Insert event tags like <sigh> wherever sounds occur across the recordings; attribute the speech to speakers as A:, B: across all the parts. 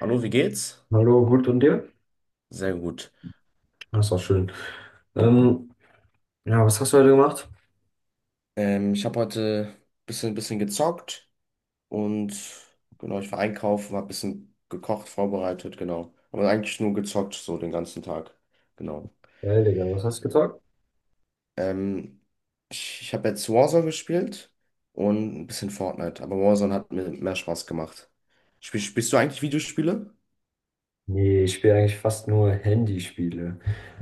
A: Hallo, wie geht's?
B: Hallo, gut und dir?
A: Sehr gut.
B: Das war schön. Ähm, ja, was hast du heute gemacht?
A: Ich habe heute bisschen gezockt und genau, ich war einkaufen, habe ein bisschen gekocht, vorbereitet, genau. Aber eigentlich nur gezockt, so den ganzen Tag. Genau.
B: Geil, Digga, was hast du gezockt?
A: Ähm, ich habe jetzt Warzone gespielt und ein bisschen Fortnite, aber Warzone hat mir mehr Spaß gemacht. Spielst du eigentlich Videospiele?
B: Nee, ich spiele eigentlich fast nur Handyspiele.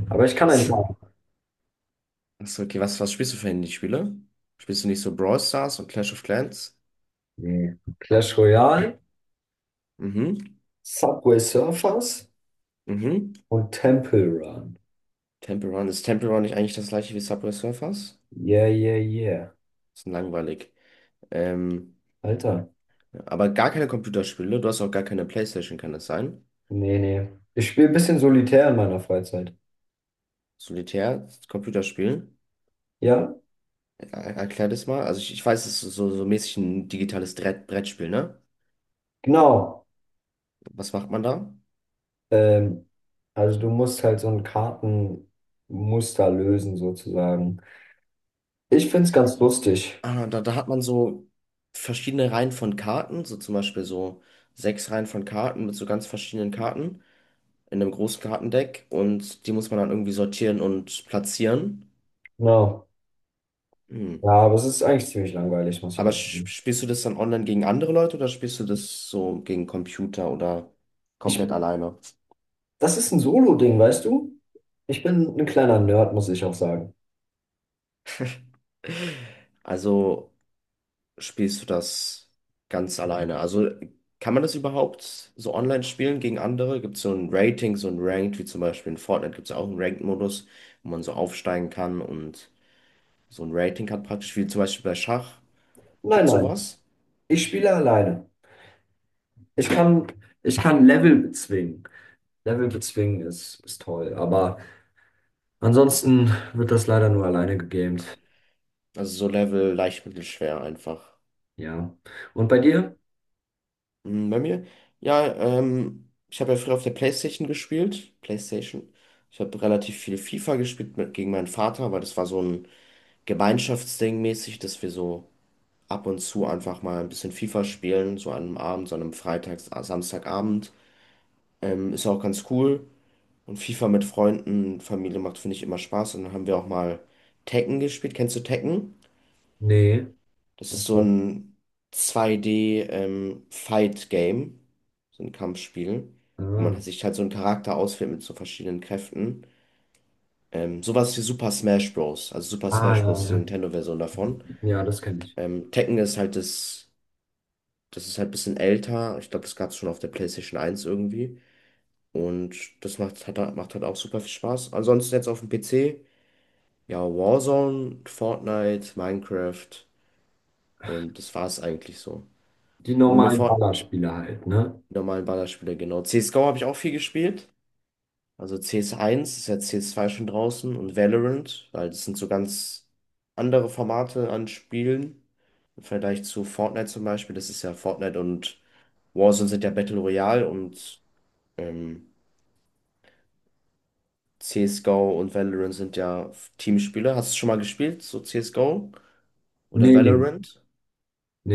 B: Aber ich kann ein
A: Was?
B: paar.
A: <laughs> Achso, okay, was spielst du für Handyspiele? Spielst du nicht so Brawl Stars und Clash of Clans?
B: Nee. Clash Royale,
A: Mhm,
B: Subway Surfers
A: mhm.
B: und Temple Run.
A: Temple Run. Ist Temple Run nicht eigentlich das gleiche wie Subway Surfers?
B: Yeah, yeah, yeah.
A: Ist langweilig. Ähm,
B: Alter.
A: aber gar keine Computerspiele. Du hast auch gar keine PlayStation, kann das sein?
B: Nee, nee. Ich spiele ein bisschen solitär in meiner Freizeit.
A: Solitär, Computerspiel.
B: Ja,
A: Er erklär das mal. Also ich weiß, es ist so mäßig ein digitales Brettspiel, ne?
B: genau.
A: Was macht man da?
B: Ähm, also du musst halt so ein Kartenmuster lösen sozusagen. Ich find's ganz lustig.
A: Ah, da hat man so verschiedene Reihen von Karten, so zum Beispiel so sechs Reihen von Karten mit so ganz verschiedenen Karten in einem großen Kartendeck und die muss man dann irgendwie sortieren und platzieren.
B: Genau.
A: Hm.
B: Ja, aber es ist eigentlich ziemlich langweilig, muss ich
A: Aber
B: ehrlich sagen.
A: spielst du das dann online gegen andere Leute oder spielst du das so gegen Computer oder komplett
B: Ich,
A: alleine?
B: Das ist ein Solo-Ding, weißt du? Ich bin ein kleiner Nerd, muss ich auch sagen.
A: Also spielst du das ganz alleine? Also kann man das überhaupt so online spielen gegen andere? Gibt es so ein Rating, so ein Ranked, wie zum Beispiel in Fortnite gibt es ja auch einen Ranked-Modus, wo man so aufsteigen kann und so ein Rating hat praktisch, wie zum Beispiel bei Schach.
B: Nein,
A: Gibt es
B: nein,
A: sowas?
B: ich spiele alleine. Ich kann, Ich kann Level bezwingen. Level bezwingen ist toll, aber ansonsten wird das leider nur alleine gegamed.
A: Also so Level leicht, mittel, schwer einfach.
B: Ja. Und bei dir?
A: Hm, bei mir? Ja, ich habe ja früher auf der PlayStation gespielt. PlayStation. Ich habe relativ viel FIFA gespielt mit, gegen meinen Vater, weil das war so ein Gemeinschaftsding mäßig, dass wir so ab und zu einfach mal ein bisschen FIFA spielen, so an einem Abend, so an einem Samstagabend. Ist auch ganz cool. Und FIFA mit Freunden, Familie macht, finde ich, immer Spaß. Und dann haben wir auch mal Tekken gespielt. Kennst du Tekken?
B: Nee.
A: Das ist so ein 2D-Fight-Game, so ein Kampfspiel, wo
B: Ah,
A: man sich halt so einen Charakter auswählt mit so verschiedenen Kräften. Sowas wie Super Smash Bros. Also Super
B: ah
A: Smash
B: ja,
A: Bros. Ist die
B: ja.
A: Nintendo-Version davon.
B: Ja, das kenne ich.
A: Tekken ist halt das ist halt ein bisschen älter. Ich glaube, das gab es schon auf der PlayStation eins irgendwie. Und das macht halt auch super viel Spaß. Ansonsten jetzt auf dem PC, ja, Warzone, Fortnite, Minecraft und das war's eigentlich so.
B: Die
A: Wo mir
B: normalen
A: Fort
B: Ballerspiele halt, ne?
A: Die normalen Ballerspiele, genau. CSGO habe ich auch viel gespielt. Also CS1 ist ja CS2 schon draußen und Valorant, weil das sind so ganz andere Formate an Spielen. Im Vergleich zu Fortnite zum Beispiel. Das ist ja Fortnite und Warzone sind ja Battle Royale und ähm, CSGO und Valorant sind ja Teamspiele. Hast du schon mal gespielt, so CSGO oder
B: Nee, nee,
A: Valorant?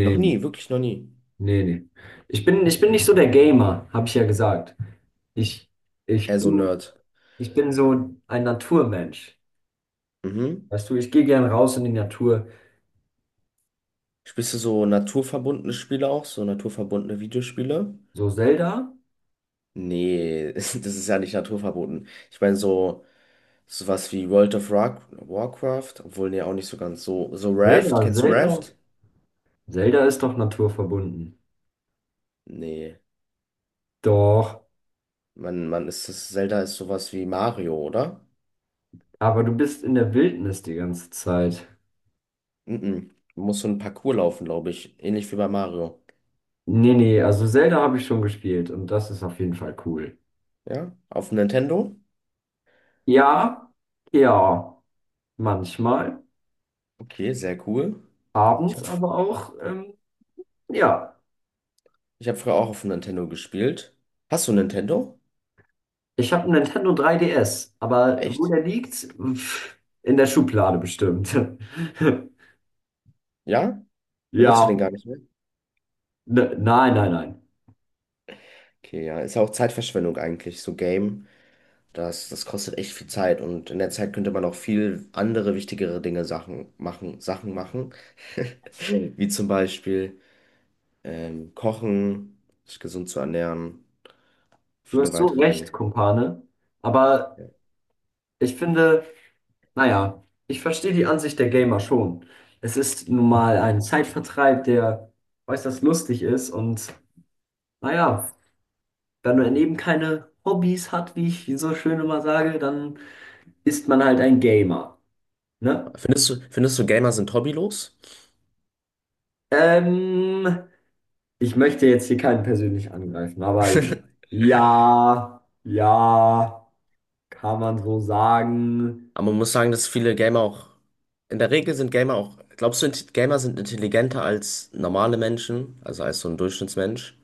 A: Noch
B: nee.
A: nie, wirklich noch nie.
B: Nee, nee. Ich bin nicht so der Gamer, habe ich ja gesagt. Ich,
A: Eher
B: ich
A: so
B: bin,
A: Nerd.
B: Ich bin so ein Naturmensch.
A: Mhm.
B: Weißt du, ich gehe gern raus in die Natur.
A: Spielst du so naturverbundene Spiele auch, so naturverbundene Videospiele?
B: So Zelda?
A: Nee, <laughs> das ist ja nicht naturverboten. Ich meine, so sowas wie World of Rock, Warcraft, obwohl nee, auch nicht so ganz so. So Raft, kennst du
B: Zelda.
A: Raft?
B: Zelda ist doch naturverbunden.
A: Nee,
B: Doch,
A: man ist das, Zelda ist sowas wie Mario, oder?
B: aber du bist in der Wildnis die ganze Zeit.
A: Mhm. Man muss so ein Parcours laufen, glaube ich. Ähnlich wie bei Mario.
B: Nee, nee, also Zelda habe ich schon gespielt und das ist auf jeden Fall cool.
A: Ja? Auf dem Nintendo?
B: Ja, ja, manchmal.
A: Okay, sehr cool. Ich
B: Abends
A: habe
B: aber auch, ja.
A: ich hab früher auch auf dem Nintendo gespielt. Hast du ein Nintendo?
B: Ich habe einen Nintendo 3DS, aber wo
A: Echt?
B: der liegt? Pff, in der Schublade bestimmt. <laughs>
A: Ja? Benutzt du den
B: Ja,
A: gar nicht mehr?
B: ne, nein, nein, nein.
A: Okay, ja. Ist ja auch Zeitverschwendung eigentlich, so Game. Das kostet echt viel Zeit und in der Zeit könnte man auch viel andere wichtigere Dinge Sachen machen, wie zum Beispiel kochen, sich gesund zu ernähren,
B: Du
A: viele
B: hast so
A: weitere Dinge.
B: recht, Kumpane. Aber ich finde, naja, ich verstehe die Ansicht der Gamer schon. Es ist nun mal ein Zeitvertreib, der äußerst lustig ist. Und naja, wenn man eben keine Hobbys hat, wie ich so schön immer sage, dann ist man halt ein Gamer. Ne?
A: Findest du, Gamer sind hobbylos?
B: Ähm, Ich möchte jetzt hier keinen persönlich angreifen, aber ja, ja, kann man so sagen.
A: Aber man muss sagen, dass viele Gamer auch, in der Regel sind Gamer auch, glaubst du, Gamer sind intelligenter als normale Menschen, also als so ein Durchschnittsmensch?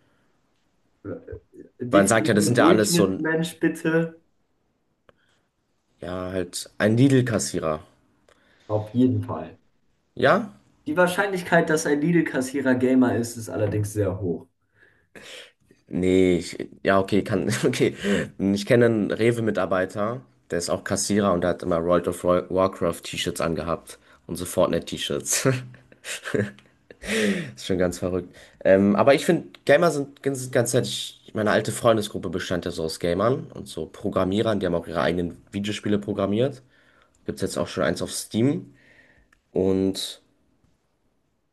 A: Man sagt ja, das
B: Definiere
A: sind ja alles so ein,
B: Durchschnittsmensch bitte.
A: ja, halt ein Lidl-Kassierer.
B: Auf jeden Fall.
A: Ja?
B: Die Wahrscheinlichkeit, dass ein Lidl-Kassierer Gamer ist, ist allerdings sehr hoch.
A: Nee, ich, ja, okay, kann, <laughs> okay. Ich kenne einen Rewe-Mitarbeiter, der ist auch Kassierer und der hat immer World of Warcraft-T-Shirts angehabt und so Fortnite-T-Shirts. <laughs> Ist schon ganz verrückt. Aber ich finde, Gamer sind ganz nett. Ich, meine alte Freundesgruppe bestand ja so aus Gamern und so Programmierern, die haben auch ihre eigenen Videospiele programmiert. Gibt's jetzt auch schon eins auf Steam. Und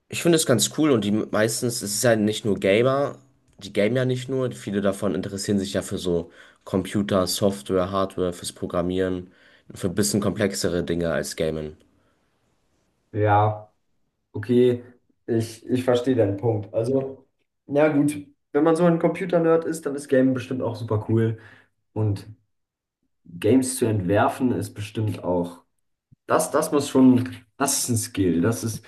A: ich finde es ganz cool und die meistens, es ist ja nicht nur Gamer, die gamen ja nicht nur, viele davon interessieren sich ja für so Computer, Software, Hardware, fürs Programmieren, für ein bisschen komplexere Dinge als Gamen.
B: Ja, okay, ich verstehe deinen Punkt. Also, na gut, wenn man so ein Computer-Nerd ist, dann ist Game bestimmt auch super cool. Und Games zu entwerfen ist bestimmt auch. Das muss schon, das ist ein Skill. Das ist,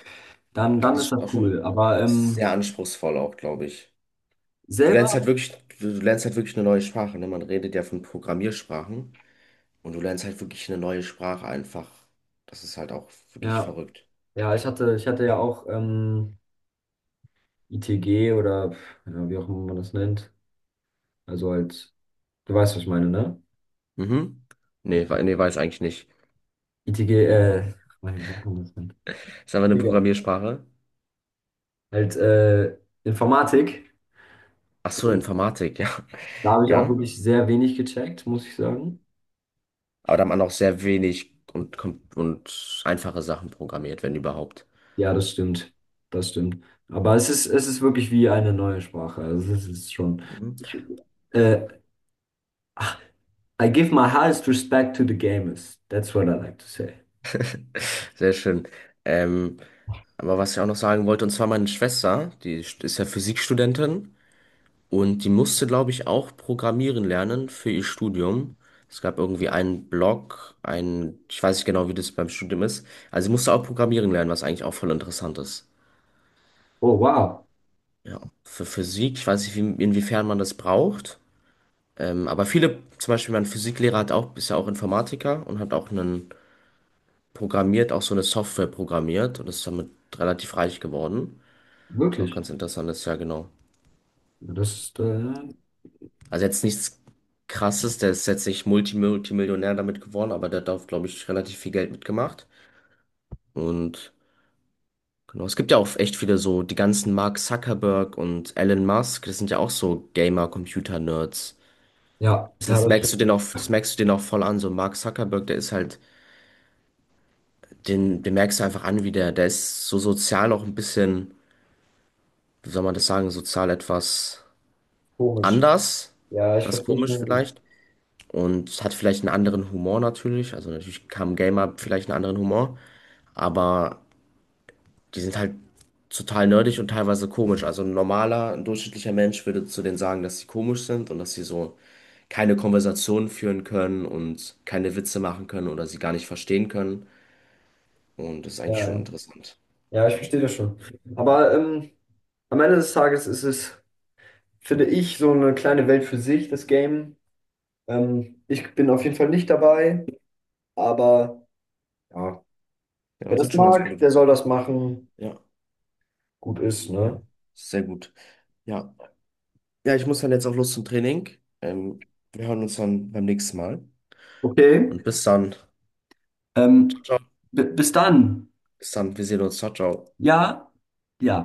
B: dann,
A: Das
B: Dann ist
A: ist
B: das
A: auch
B: cool.
A: schon,
B: Aber
A: es ist sehr anspruchsvoll auch, glaube ich. Du
B: selber,
A: lernst halt wirklich, du lernst halt wirklich eine neue Sprache, ne? Man redet ja von Programmiersprachen und du lernst halt wirklich eine neue Sprache einfach. Das ist halt auch wirklich
B: ja,
A: verrückt.
B: ja, ich hatte ja auch ITG oder ja, wie auch immer man das nennt. Also halt, du weißt, was ich meine, ne?
A: Mhm. Nee, nee, weiß eigentlich nicht.
B: ITG, wie sagt man das denn?
A: Ist aber eine
B: Egal.
A: Programmiersprache.
B: Halt Informatik.
A: Ach so,
B: Und
A: Informatik, <laughs> ja.
B: da habe ich auch
A: Ja.
B: wirklich sehr wenig gecheckt, muss ich sagen.
A: Aber da hat man auch sehr wenig und einfache Sachen programmiert, wenn überhaupt.
B: Ja, das stimmt. Das stimmt. Aber es es ist wirklich wie eine neue Sprache. Also es ist schon.
A: Mhm.
B: Ich, äh, I give my highest respect to the gamers. That's what I like to say.
A: Sehr schön. Ähm, aber was ich auch noch sagen wollte, und zwar meine Schwester, die ist ja Physikstudentin und die musste, glaube ich, auch programmieren lernen für ihr Studium. Es gab irgendwie einen Blog, ein, ich weiß nicht genau, wie das beim Studium ist. Also sie musste auch programmieren lernen, was eigentlich auch voll interessant ist.
B: Oh, wow.
A: Ja. Für Physik, ich weiß nicht, wie, inwiefern man das braucht. Aber viele, zum Beispiel mein Physiklehrer hat auch, ist ja auch Informatiker und hat auch einen programmiert, auch so eine Software programmiert und ist damit relativ reich geworden. Ist auch
B: Wirklich.
A: ganz interessant, ist ja genau.
B: Ja, Das ist, äh,
A: Also jetzt nichts Krasses, der ist jetzt nicht Multimillionär damit geworden, aber der hat auch, glaube ich, relativ viel Geld mitgemacht. Und genau, es gibt ja auch echt viele so, die ganzen Mark Zuckerberg und Elon Musk, das sind ja auch so Gamer-Computer-Nerds.
B: ja, ja, das ist
A: Das merkst du den auch voll an, so Mark Zuckerberg, der ist halt. Den merkst du einfach an, der ist so sozial auch ein bisschen, wie soll man das sagen, sozial etwas
B: komisch.
A: anders,
B: Ja, ich
A: etwas
B: verstehe
A: komisch
B: schon.
A: vielleicht. Und hat vielleicht einen anderen Humor natürlich. Also natürlich haben Gamer vielleicht einen anderen Humor, aber die sind halt total nerdig und teilweise komisch. Also ein normaler, ein durchschnittlicher Mensch würde zu denen sagen, dass sie komisch sind und dass sie so keine Konversationen führen können und keine Witze machen können oder sie gar nicht verstehen können. Und das ist eigentlich
B: Ja,
A: schon
B: ja.
A: interessant.
B: Ja, ich verstehe das schon. Aber am Ende des Tages ist es, finde ich, so eine kleine Welt für sich, das Game. Ich bin auf jeden Fall nicht dabei, aber ja, wer
A: Ja,
B: das
A: sind schon ganz gute
B: mag, der soll
A: Typen.
B: das machen.
A: Ja.
B: Gut ist,
A: Ja,
B: ne?
A: sehr gut. Ja. Ja, ich muss dann jetzt auch los zum Training. Ähm, wir hören uns dann beim nächsten Mal.
B: Okay,
A: Und bis dann. Ciao,
B: ähm,
A: ciao.
B: bis dann.
A: Bis dann. Wir sehen uns. Ciao, ciao.
B: Ja, ja.